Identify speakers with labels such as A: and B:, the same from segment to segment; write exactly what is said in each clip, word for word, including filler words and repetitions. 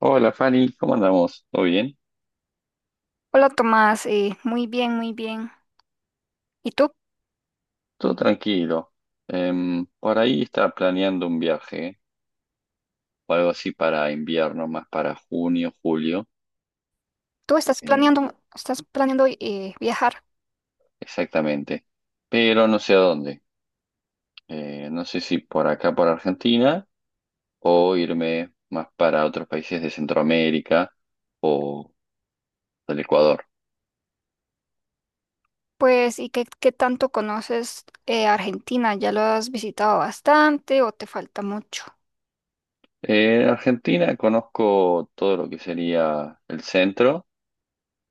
A: Hola Fanny, ¿cómo andamos? ¿Todo bien?
B: Hola Tomás, eh, muy bien, muy bien. ¿Y tú?
A: Todo tranquilo. Em, por ahí estaba planeando un viaje o algo así para invierno, más para junio, julio,
B: ¿Tú estás
A: eh,
B: planeando, estás planeando eh, viajar?
A: exactamente. Pero no sé a dónde. Eh, no sé si por acá, por Argentina, o irme más para otros países de Centroamérica o del Ecuador.
B: Pues, ¿y qué, qué tanto conoces eh, Argentina? ¿Ya lo has visitado bastante o te falta mucho?
A: Eh, en Argentina conozco todo lo que sería el centro,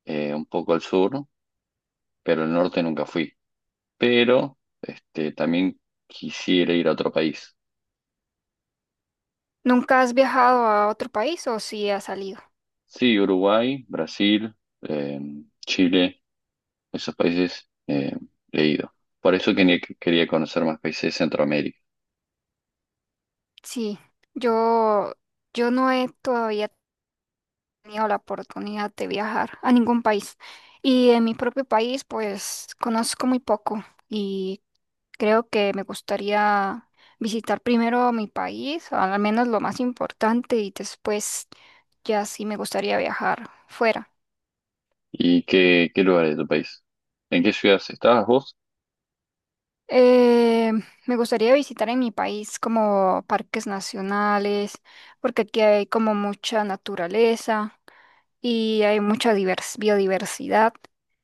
A: eh, un poco el sur, pero el norte nunca fui. Pero este, también quisiera ir a otro país.
B: ¿Nunca has viajado a otro país o sí has salido?
A: Sí, Uruguay, Brasil, eh, Chile, esos países eh, he ido. Por eso quería, quería conocer más países de Centroamérica.
B: Sí, yo, yo no he todavía tenido la oportunidad de viajar a ningún país. Y en mi propio país, pues, conozco muy poco. ¿Y Creo que me gustaría visitar primero mi país, al menos lo más importante, y después ya sí me gustaría viajar fuera.
A: ¿Y qué, qué lugares de tu país? ¿En qué ciudades estabas vos?
B: Eh, me gustaría visitar en mi país como parques nacionales, porque aquí hay como mucha naturaleza y hay mucha divers- biodiversidad.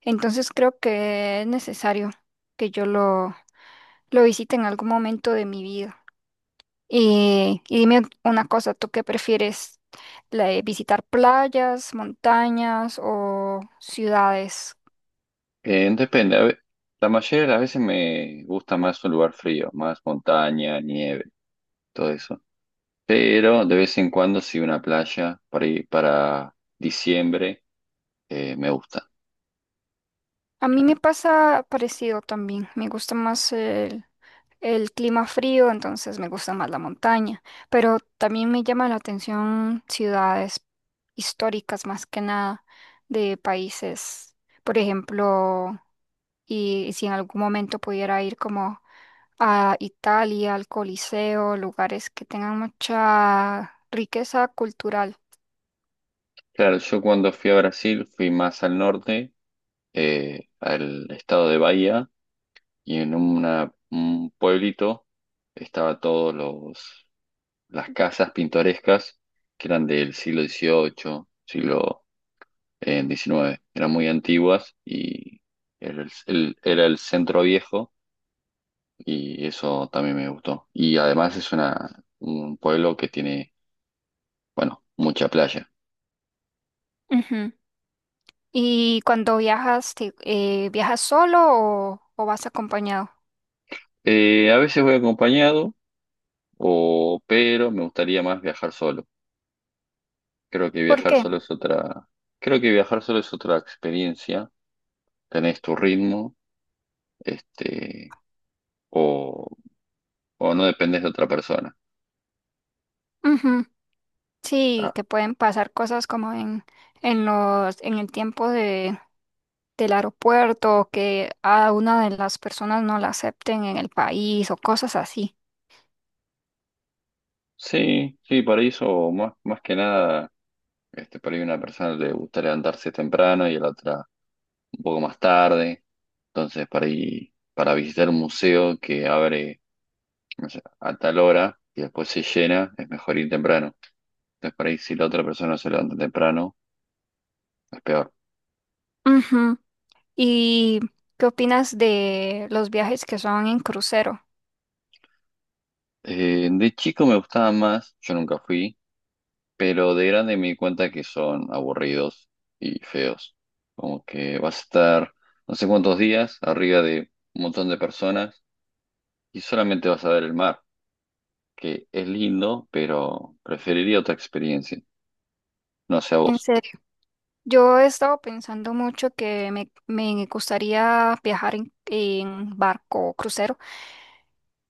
B: Entonces creo que es necesario que yo lo, lo visite en algún momento de mi vida. Y, y dime una cosa, ¿tú qué prefieres? ¿La de visitar playas, montañas o ciudades?
A: Eh, depende, a ve- la mayoría de las veces me gusta más un lugar frío, más montaña, nieve, todo eso. Pero de vez en cuando sí una playa para para diciembre, eh, me gusta.
B: A mí me pasa parecido también. Me gusta más el, el clima frío, entonces me gusta más la montaña. Pero también me llama la atención ciudades históricas más que nada de países. Por ejemplo, y si en algún momento pudiera ir como a Italia, al Coliseo, lugares que tengan mucha riqueza cultural.
A: Claro, yo cuando fui a Brasil fui más al norte, eh, al estado de Bahía, y en una- un pueblito estaba todos los las casas pintorescas que eran del siglo dieciocho, siglo eh, diecinueve, eran muy antiguas y era el, el- era el centro viejo y eso también me gustó. Y además es una, un pueblo que tiene, bueno, mucha playa.
B: Ujú. ¿Y cuando viajas, te- eh, viajas solo o, o vas acompañado?
A: Eh, a veces voy acompañado. O, pero me gustaría más viajar solo. Creo que
B: ¿Por
A: viajar
B: qué?
A: solo es otra, Creo que viajar solo es otra experiencia. Tenés tu ritmo, este, o, o no dependes de otra persona.
B: Ujú. Sí,
A: Ah,
B: que pueden pasar cosas como en, en los, en el tiempo de, del aeropuerto, que a una de las personas no la acepten en el país o cosas así.
A: sí, sí, para eso, más, más que nada, este, por ahí una persona le gusta levantarse temprano y a la otra un poco más tarde. Entonces, para ir, para visitar un museo que abre, no sé, a tal hora y después se llena, es mejor ir temprano. Entonces, por ahí si la otra persona se levanta temprano. Es peor.
B: Ujú. ¿Y qué opinas de los viajes que son en crucero?
A: Eh, de chico me gustaban más, yo nunca fui, pero de grande me di cuenta que son aburridos y feos. Como que vas a estar no sé cuántos días arriba de un montón de personas y solamente vas a ver el mar, que es lindo, pero preferiría otra experiencia. No sé a
B: ¿En
A: vos.
B: serio? Yo he estado pensando mucho que me, me gustaría viajar en, en barco o crucero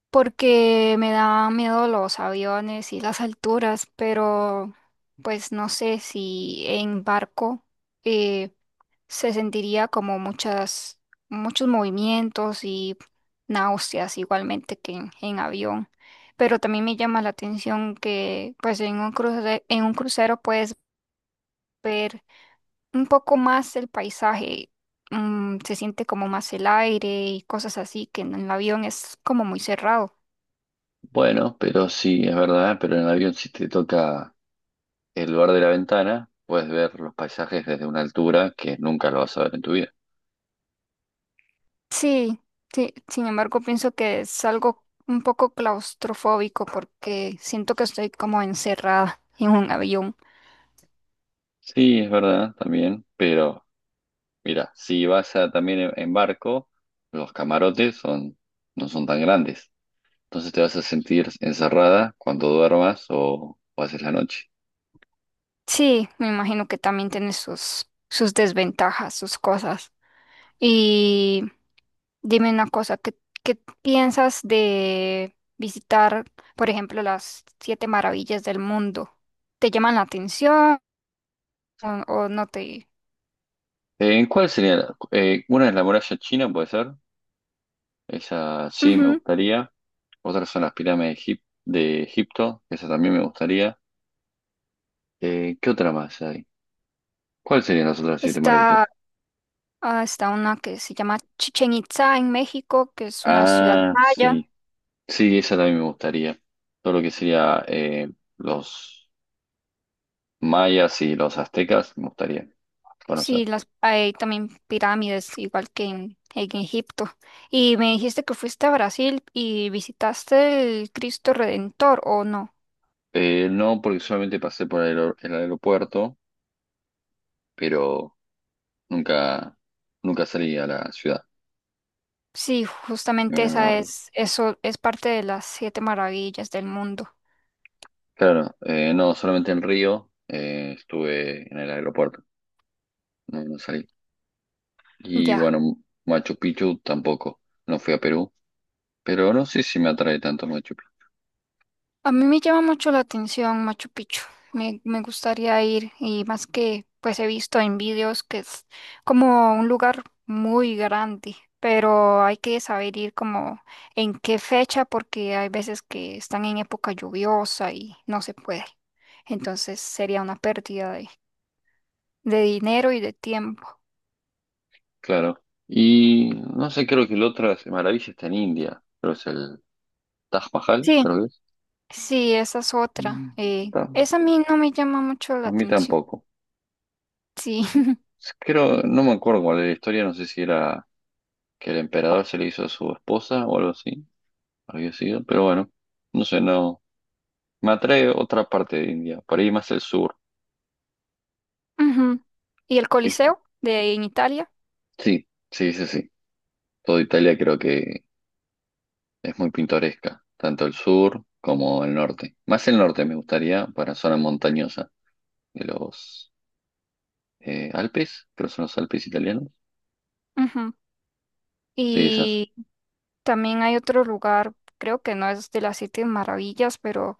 B: porque me da miedo los aviones y las alturas, pero pues no sé si en barco eh, se sentiría como muchas, muchos movimientos y náuseas igualmente que en, en avión. Pero también me llama la atención que pues en un cruce- en un crucero puedes ver un poco más el paisaje, mm, se siente como más el aire y cosas así, que en el avión es como muy cerrado.
A: Bueno, pero sí, es verdad, pero en el avión si te toca el lugar de la ventana, puedes ver los paisajes desde una altura que nunca lo vas a ver en tu vida.
B: Sí, sí, sin embargo, pienso que es algo un poco claustrofóbico porque siento que estoy como encerrada en un avión.
A: Sí, es verdad, también, pero mira, si vas a- también en, en barco, los camarotes son, no son tan grandes. Entonces te vas a sentir encerrada cuando duermas o, o haces la noche.
B: Sí, me imagino que también tiene sus, sus desventajas, sus cosas. Y Dime una cosa, ¿qué, ¿qué piensas de visitar, por ejemplo, las siete maravillas del mundo? ¿Te llaman la atención o, o no te...?
A: Eh, ¿En cuál sería? La- eh, una es la muralla china, puede ser. Esa sí me
B: Ujú.
A: gustaría. Otras son las pirámides de, Egip- de Egipto. Esa también me gustaría. Eh, ¿qué otra más hay? ¿Cuáles serían las otras siete maravillas?
B: Está, ah, está una que se llama Chichen Itza en México, que es una ciudad
A: Ah,
B: maya.
A: sí. Sí, esa también me gustaría. Todo lo que sería eh, los mayas y los aztecas, me gustaría conocer.
B: Sí, las, hay también pirámides, igual que en, en Egipto. Y me dijiste que fuiste a Brasil y visitaste el Cristo Redentor, ¿o no?
A: Eh, no, porque solamente pasé por el, aer- el aeropuerto, pero nunca, nunca salí a la ciudad.
B: Sí,
A: Eh,
B: justamente esa es, eso es parte de las siete maravillas del mundo.
A: claro, eh, no, solamente en Río, eh, estuve en el aeropuerto, no, no salí. Y
B: Ya.
A: bueno, Machu Picchu tampoco, no fui a Perú, pero no sé si me atrae tanto Machu Picchu,
B: A mí me llama mucho la atención Machu Picchu. Me, me gustaría ir, y más que pues he visto en vídeos que es como un lugar muy grande, pero hay que saber ir como en qué fecha porque hay veces que están en época lluviosa y no se puede. Entonces sería una pérdida de, de dinero y de tiempo.
A: claro. Y no sé, creo que la otra maravilla está en India, pero es el Taj Mahal,
B: Sí,
A: creo que es.
B: sí, esa es otra.
A: Mm,
B: eh,
A: ta-
B: esa a mí no me llama mucho la
A: A mí
B: atención.
A: tampoco.
B: Sí.
A: Creo, no me acuerdo cuál era la historia, no sé si era que el emperador se le hizo a su esposa o algo así, había sido, pero bueno, no sé, no. Me atrae otra parte de India, por ahí más el sur.
B: Ujú. Y el
A: Es-
B: Coliseo de en Italia.
A: Sí, sí, sí, sí. Toda Italia creo que es muy pintoresca, tanto el sur como el norte. Más el norte me gustaría para zona montañosa de los eh, Alpes, creo que son los Alpes italianos.
B: Ujú.
A: Sí, esas.
B: Y también hay otro lugar, creo que no es de las siete maravillas, pero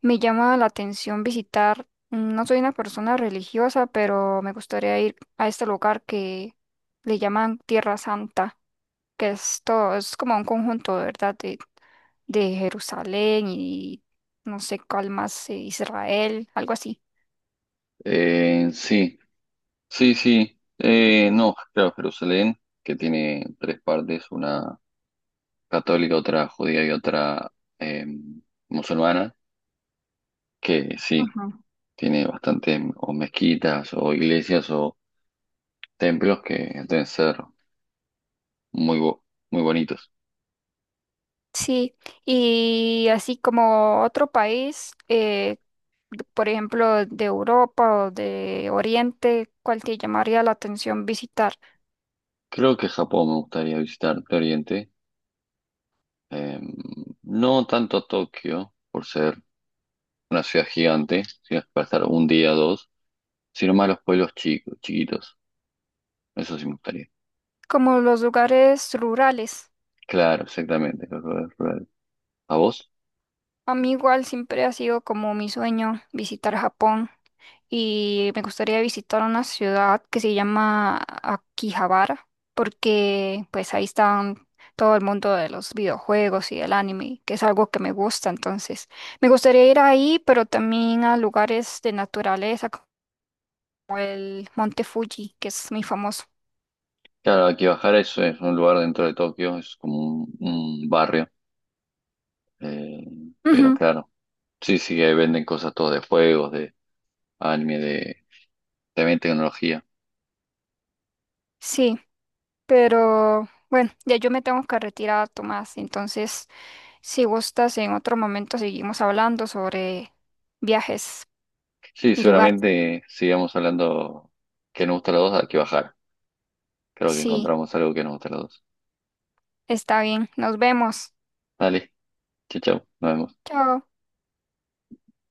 B: me llama la atención visitar. No soy una persona religiosa, pero me gustaría ir a este lugar que le llaman Tierra Santa, que es todo, es como un conjunto, ¿verdad? De, de Jerusalén y no sé cuál más, eh, Israel, algo así.
A: Eh, sí. Sí, sí. Eh, no, claro, Jerusalén, que tiene tres partes, una católica, otra judía y otra, eh, musulmana, que sí,
B: Ajá.
A: tiene bastantes o mezquitas o iglesias o templos que deben ser muy, bo- muy bonitos.
B: Sí, y así como otro país, eh, d- por ejemplo, de Europa o de Oriente, ¿cuál te llamaría la atención visitar?
A: Creo que Japón me gustaría visitar de Oriente, eh, no tanto Tokio, por ser una ciudad gigante, ciudad para estar un día o dos, sino más los pueblos chicos, chiquitos. Eso sí me gustaría.
B: Como los lugares rurales.
A: Claro, exactamente, los lugares rurales. A explorar. ¿A vos?
B: A mí igual siempre ha sido como mi sueño visitar Japón. Y me gustaría visitar una ciudad que se llama Akihabara, porque pues ahí están todo el mundo de los videojuegos y del anime, que es algo que me gusta, entonces me gustaría ir ahí, pero también a lugares de naturaleza como el Monte Fuji, que es muy famoso.
A: Claro, Akibahara es, es un lugar dentro de Tokio, es como un, un barrio, eh, pero
B: Ujú,
A: claro, sí, sí, ahí venden cosas todo de juegos, de anime, de también tecnología.
B: sí, pero bueno, ya yo me tengo que retirar, Tomás, entonces si gustas en otro momento seguimos hablando sobre viajes
A: Sí,
B: y lugares.
A: seguramente sigamos hablando que nos gusta a los dos, Akibahara. Creo que
B: Sí.
A: encontramos algo que nos gusta a los dos.
B: Está bien, nos vemos.
A: Dale, chau, chau, nos vemos.
B: Chao.